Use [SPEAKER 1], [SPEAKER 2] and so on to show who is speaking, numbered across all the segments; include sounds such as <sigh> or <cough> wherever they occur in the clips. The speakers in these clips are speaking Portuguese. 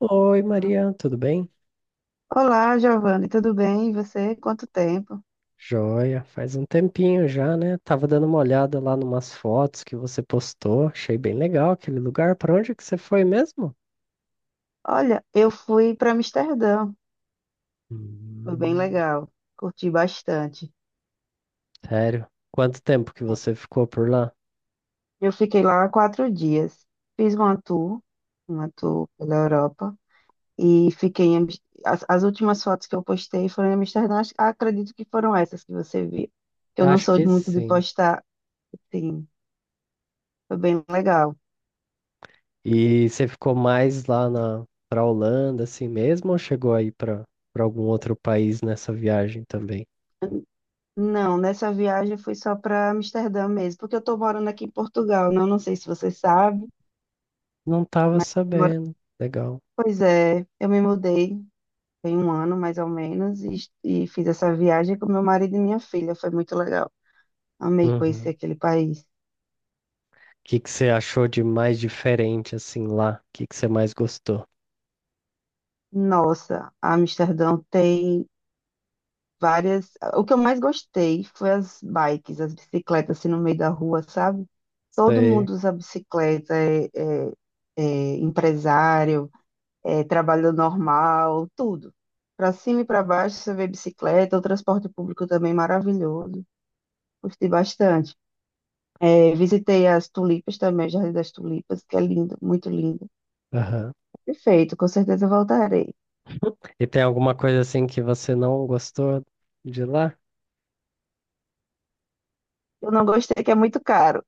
[SPEAKER 1] Oi, Maria, tudo bem?
[SPEAKER 2] Olá, Giovanni, tudo bem? E você? Quanto tempo?
[SPEAKER 1] Joia, faz um tempinho já, né? Tava dando uma olhada lá numas fotos que você postou, achei bem legal aquele lugar. Para onde que você foi mesmo?
[SPEAKER 2] Olha, eu fui para Amsterdã, foi bem
[SPEAKER 1] Hum,
[SPEAKER 2] legal, curti bastante.
[SPEAKER 1] sério? Quanto tempo que você ficou por lá?
[SPEAKER 2] Eu fiquei lá 4 dias, fiz uma tour pela Europa e fiquei em... As últimas fotos que eu postei foram em Amsterdã, acredito que foram essas que você viu. Eu não
[SPEAKER 1] Acho
[SPEAKER 2] sou
[SPEAKER 1] que
[SPEAKER 2] muito de
[SPEAKER 1] sim.
[SPEAKER 2] postar, sim, foi bem legal.
[SPEAKER 1] E você ficou mais lá na pra Holanda assim mesmo ou chegou aí para algum outro país nessa viagem também?
[SPEAKER 2] Não, nessa viagem foi só para Amsterdã mesmo, porque eu estou morando aqui em Portugal, não sei se você sabe.
[SPEAKER 1] Não tava sabendo. Legal.
[SPEAKER 2] Pois é, eu me mudei tem um ano mais ou menos e fiz essa viagem com meu marido e minha filha. Foi muito legal. Amei conhecer
[SPEAKER 1] Uhum.
[SPEAKER 2] aquele país.
[SPEAKER 1] O que que você achou de mais diferente assim lá? O que que você mais gostou?
[SPEAKER 2] Nossa, Amsterdão tem várias. O que eu mais gostei foi as bikes, as bicicletas assim no meio da rua, sabe? Todo
[SPEAKER 1] Sei.
[SPEAKER 2] mundo usa bicicleta, é empresário, é trabalho normal, tudo. Para cima e para baixo você vê bicicleta, o transporte público também maravilhoso. Gostei bastante. É, visitei as tulipas também, o Jardim das Tulipas, que é lindo, muito lindo.
[SPEAKER 1] Aham.
[SPEAKER 2] Perfeito, com certeza voltarei.
[SPEAKER 1] E tem alguma coisa assim que você não gostou de lá?
[SPEAKER 2] Eu não gostei que é muito caro,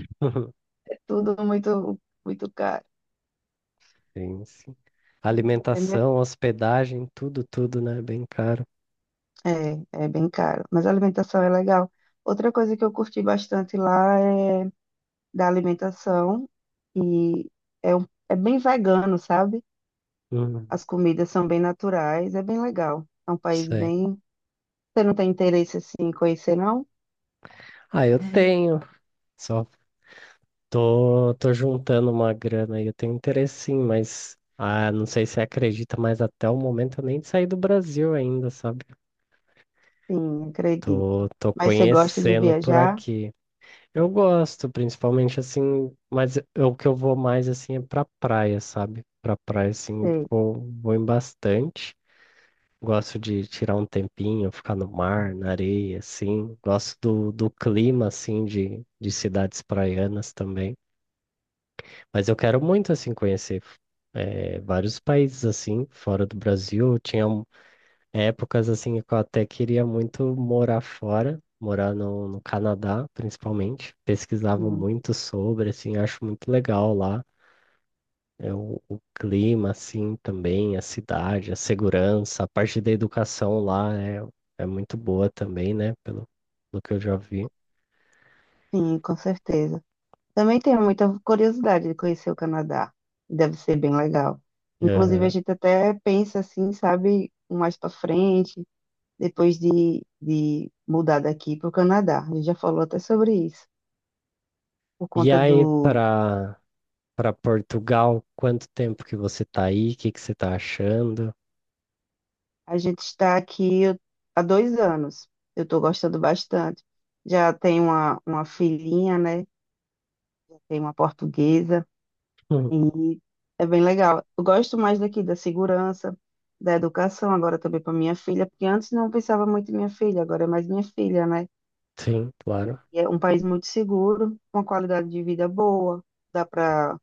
[SPEAKER 1] <laughs>
[SPEAKER 2] é tudo muito, muito caro,
[SPEAKER 1] Sim, sim.
[SPEAKER 2] entendeu?
[SPEAKER 1] Alimentação, hospedagem, tudo, tudo, né? Bem caro.
[SPEAKER 2] É, é bem caro, mas a alimentação é legal. Outra coisa que eu curti bastante lá é da alimentação e é bem vegano, sabe?
[SPEAKER 1] Hum,
[SPEAKER 2] As comidas são bem naturais, é bem legal. É um país
[SPEAKER 1] sei.
[SPEAKER 2] bem... Você não tem interesse assim, em conhecer, não?
[SPEAKER 1] Ah, eu tenho. Só tô juntando uma grana aí. Eu tenho interesse sim, mas não sei se você acredita, mas até o momento eu nem saí do Brasil ainda, sabe?
[SPEAKER 2] Sim,
[SPEAKER 1] Tô,
[SPEAKER 2] acredito.
[SPEAKER 1] tô
[SPEAKER 2] Mas você gosta de
[SPEAKER 1] conhecendo por
[SPEAKER 2] viajar?
[SPEAKER 1] aqui. Eu gosto, principalmente assim, mas o que eu vou mais assim é pra praia, sabe? Pra praia, assim,
[SPEAKER 2] Sei.
[SPEAKER 1] vou em bastante. Gosto de tirar um tempinho, ficar no mar, na areia, assim. Gosto do clima, assim, de cidades praianas também. Mas eu quero muito, assim, conhecer vários países, assim, fora do Brasil. Eu tinha épocas assim que eu até queria muito morar fora, morar no Canadá, principalmente. Pesquisava
[SPEAKER 2] Sim,
[SPEAKER 1] muito sobre, assim, acho muito legal lá. É o clima, assim, também, a cidade, a segurança, a parte da educação lá é muito boa também, né? Pelo que eu já vi.
[SPEAKER 2] sim, com certeza. Também tenho muita curiosidade de conhecer o Canadá. Deve ser bem legal. Inclusive, a
[SPEAKER 1] Aham.
[SPEAKER 2] gente até pensa assim, sabe, um mais para frente, depois de mudar daqui para o Canadá. A gente já falou até sobre isso, por
[SPEAKER 1] E
[SPEAKER 2] conta
[SPEAKER 1] aí,
[SPEAKER 2] do.
[SPEAKER 1] para Portugal, quanto tempo que você tá aí? O que que você tá achando? <laughs>
[SPEAKER 2] A gente está aqui há 2 anos. Eu estou gostando bastante. Já tenho uma filhinha, né? Tem uma portuguesa.
[SPEAKER 1] Hum.
[SPEAKER 2] E é bem legal. Eu gosto mais daqui da segurança, da educação, agora também para minha filha, porque antes não pensava muito em minha filha, agora é mais minha filha, né?
[SPEAKER 1] Sim, claro.
[SPEAKER 2] E é um país muito seguro, com uma qualidade de vida boa, dá para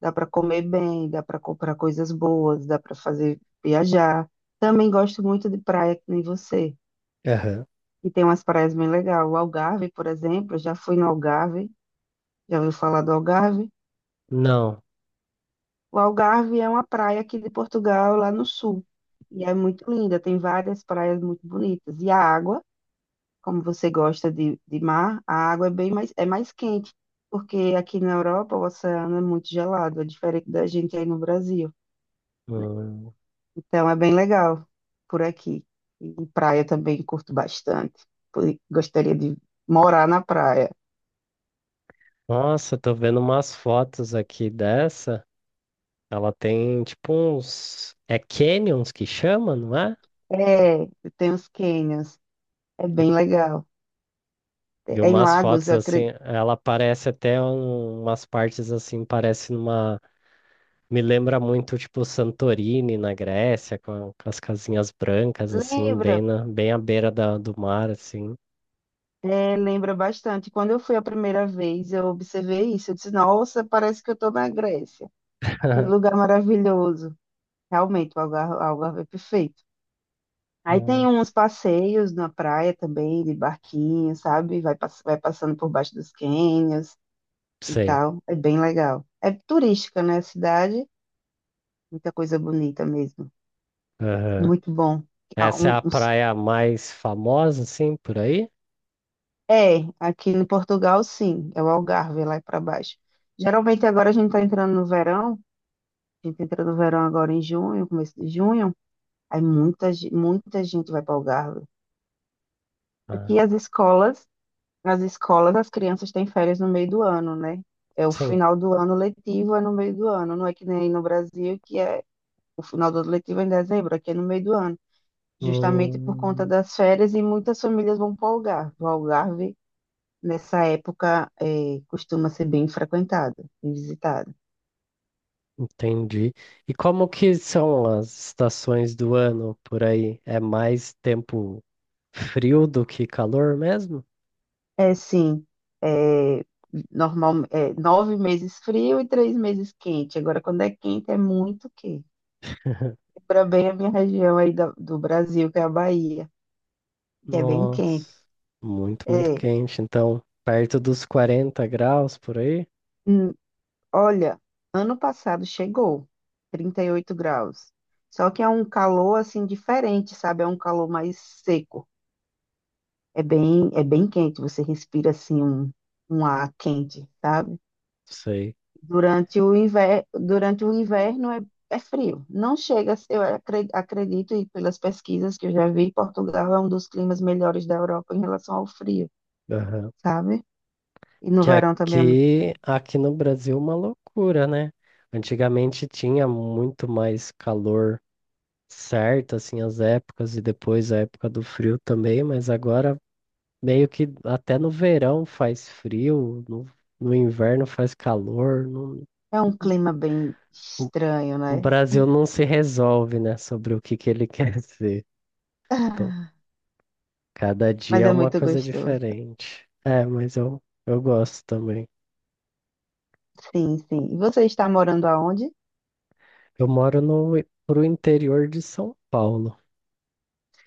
[SPEAKER 2] dá para comer bem, dá para comprar coisas boas, dá para fazer viajar. Também gosto muito de praia, que nem você.
[SPEAKER 1] Aham.
[SPEAKER 2] E tem umas praias bem legais. O Algarve, por exemplo, eu já fui no Algarve, já ouviu falar do Algarve?
[SPEAKER 1] Não.
[SPEAKER 2] O Algarve é uma praia aqui de Portugal, lá no sul. E é muito linda, tem várias praias muito bonitas. E a água, como você gosta de mar, a água é bem mais, é mais quente, porque aqui na Europa o oceano é muito gelado, é diferente da gente aí no Brasil, né?
[SPEAKER 1] Hum,
[SPEAKER 2] Então é bem legal por aqui. E praia também curto bastante. Gostaria de morar na praia.
[SPEAKER 1] Nossa, tô vendo umas fotos aqui dessa. Ela tem tipo uns canyons que chama, não é?
[SPEAKER 2] É, tem os cânions, é
[SPEAKER 1] E
[SPEAKER 2] bem legal.
[SPEAKER 1] e
[SPEAKER 2] É em
[SPEAKER 1] umas
[SPEAKER 2] Lagos,
[SPEAKER 1] fotos
[SPEAKER 2] eu
[SPEAKER 1] assim.
[SPEAKER 2] acredito.
[SPEAKER 1] Ela parece até umas partes assim, parece numa. Me lembra muito tipo Santorini na Grécia, com as casinhas brancas, assim, bem,
[SPEAKER 2] Lembra?
[SPEAKER 1] bem à beira do mar, assim.
[SPEAKER 2] É, lembra bastante. Quando eu fui a primeira vez, eu observei isso. Eu disse, nossa, parece que eu estou na Grécia. Que
[SPEAKER 1] <laughs>
[SPEAKER 2] lugar maravilhoso. Realmente, o Algarve é perfeito. Aí tem uns
[SPEAKER 1] Nossa.
[SPEAKER 2] passeios na praia também, de barquinho, sabe? Vai passando por baixo dos cânions e
[SPEAKER 1] Sei.
[SPEAKER 2] tal. É bem legal. É turística, né, a cidade? Muita coisa bonita mesmo.
[SPEAKER 1] Aham.
[SPEAKER 2] Muito bom. Ah,
[SPEAKER 1] Essa é
[SPEAKER 2] um-
[SPEAKER 1] a
[SPEAKER 2] uns-
[SPEAKER 1] praia mais famosa, assim, por aí?
[SPEAKER 2] É, aqui em Portugal, sim. É o Algarve lá para baixo. Geralmente agora a gente está entrando no verão. A gente entra no verão agora em junho, começo de junho, aí muita gente vai para o Algarve. Aqui
[SPEAKER 1] Ah,
[SPEAKER 2] as escolas, as crianças têm férias no meio do ano, né? É o
[SPEAKER 1] sim.
[SPEAKER 2] final do ano letivo, é no meio do ano. Não é que nem no Brasil, que é o final do ano letivo é em dezembro, aqui é no meio do ano. Justamente por conta
[SPEAKER 1] Hum.
[SPEAKER 2] das férias e muitas famílias vão para o Algarve. O Algarve, nessa época, costuma ser bem frequentado e visitado.
[SPEAKER 1] Entendi. E como que são as estações do ano por aí? É mais tempo frio do que calor mesmo?
[SPEAKER 2] É sim, é, normal, é, 9 meses frio e 3 meses quente. Agora, quando é quente, é muito quente.
[SPEAKER 1] <laughs>
[SPEAKER 2] Para bem a minha região aí do Brasil, que é a Bahia, que é bem quente.
[SPEAKER 1] Nossa, muito, muito
[SPEAKER 2] É,
[SPEAKER 1] quente. Então, perto dos 40 graus por aí?
[SPEAKER 2] hum, olha, ano passado chegou 38 graus. Só que é um calor assim diferente, sabe? É um calor mais seco. É bem quente. Você respira assim um ar quente, sabe?
[SPEAKER 1] Sei.
[SPEAKER 2] Durante o inverno é, é frio. Não chega, eu acredito, e pelas pesquisas que eu já vi, Portugal é um dos climas melhores da Europa em relação ao frio,
[SPEAKER 1] Aham.
[SPEAKER 2] sabe? E no
[SPEAKER 1] Que
[SPEAKER 2] verão também é muito
[SPEAKER 1] aqui,
[SPEAKER 2] quente.
[SPEAKER 1] aqui no Brasil, é uma loucura, né? Antigamente tinha muito mais calor certo, assim, as épocas, e depois a época do frio também, mas agora meio que até no verão faz frio, no inverno faz calor. não-
[SPEAKER 2] É um clima bem estranho,
[SPEAKER 1] o
[SPEAKER 2] né? <laughs>
[SPEAKER 1] Brasil não se resolve, né, sobre o que que ele <laughs> quer ser. Então,
[SPEAKER 2] Ah,
[SPEAKER 1] cada
[SPEAKER 2] Mas
[SPEAKER 1] dia é
[SPEAKER 2] é
[SPEAKER 1] uma
[SPEAKER 2] muito
[SPEAKER 1] coisa
[SPEAKER 2] gostoso.
[SPEAKER 1] diferente. É, mas eu gosto também.
[SPEAKER 2] Sim, sim. E você está morando aonde?
[SPEAKER 1] Eu moro no, pro interior de São Paulo.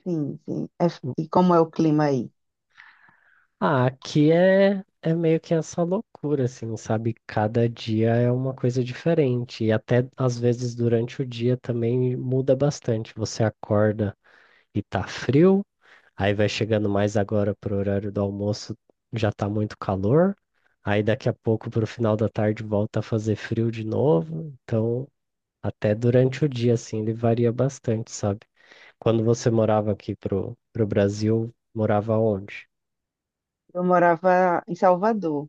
[SPEAKER 2] Sim, sim. E como é o clima aí?
[SPEAKER 1] Ah, aqui é meio que essa loucura, assim, sabe? Cada dia é uma coisa diferente. E até às vezes durante o dia também muda bastante. Você acorda e tá frio. Aí vai chegando mais agora pro horário do almoço, já tá muito calor. Aí daqui a pouco pro final da tarde volta a fazer frio de novo. Então, até durante o dia assim, ele varia bastante, sabe? Quando você morava aqui pro Brasil, morava onde?
[SPEAKER 2] Eu morava em Salvador,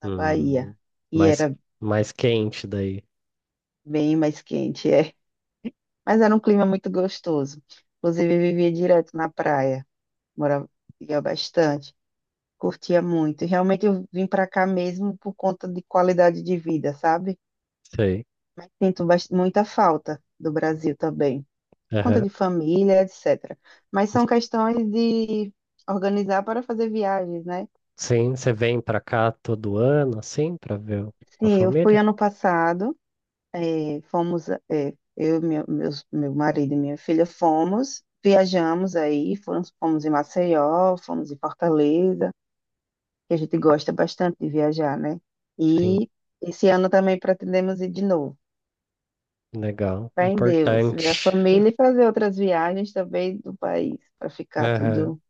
[SPEAKER 2] na
[SPEAKER 1] Hum,
[SPEAKER 2] Bahia, e
[SPEAKER 1] mais
[SPEAKER 2] era
[SPEAKER 1] mais quente daí.
[SPEAKER 2] bem mais quente. É. Mas era um clima muito gostoso. Inclusive, eu vivia direto na praia, morava ia bastante, curtia muito. E realmente eu vim para cá mesmo por conta de qualidade de vida, sabe?
[SPEAKER 1] Sei.
[SPEAKER 2] Mas sinto muita falta do Brasil também, por conta
[SPEAKER 1] Aham.
[SPEAKER 2] de família, etc. Mas são questões de organizar para fazer viagens, né?
[SPEAKER 1] Sim, você vem pra cá todo ano assim pra ver a
[SPEAKER 2] Sim, eu fui
[SPEAKER 1] família?
[SPEAKER 2] ano passado. É, fomos, é, eu, meu marido e minha filha fomos, viajamos aí, fomos em Maceió, fomos em Fortaleza, que a gente gosta bastante de viajar, né?
[SPEAKER 1] Sim,
[SPEAKER 2] E esse ano também pretendemos ir de novo.
[SPEAKER 1] legal,
[SPEAKER 2] Fé em Deus, ver a
[SPEAKER 1] importante.
[SPEAKER 2] família e fazer outras viagens também do país, para ficar tudo,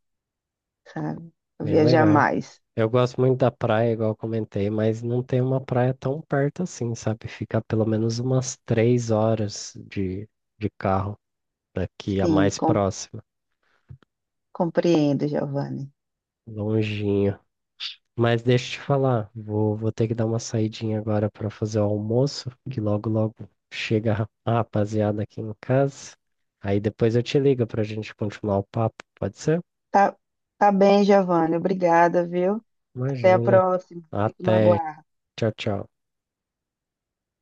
[SPEAKER 2] sabe? Pra
[SPEAKER 1] Bem
[SPEAKER 2] viajar
[SPEAKER 1] legal.
[SPEAKER 2] mais.
[SPEAKER 1] Eu gosto muito da praia, igual eu comentei, mas não tem uma praia tão perto assim, sabe? Fica pelo menos umas 3 horas de carro daqui, a
[SPEAKER 2] Sim,
[SPEAKER 1] mais próxima,
[SPEAKER 2] compreendo, Giovanni.
[SPEAKER 1] longinho. Mas deixa eu te falar, vou ter que dar uma saidinha agora para fazer o almoço, que logo logo chega a rapaziada aqui em casa. Aí depois eu te ligo para a gente continuar o papo, pode ser?
[SPEAKER 2] Tá, tá bem, Giovanni. Obrigada, viu? Até a
[SPEAKER 1] Imagina.
[SPEAKER 2] próxima. Fico no
[SPEAKER 1] Até.
[SPEAKER 2] aguardo.
[SPEAKER 1] Tchau, tchau.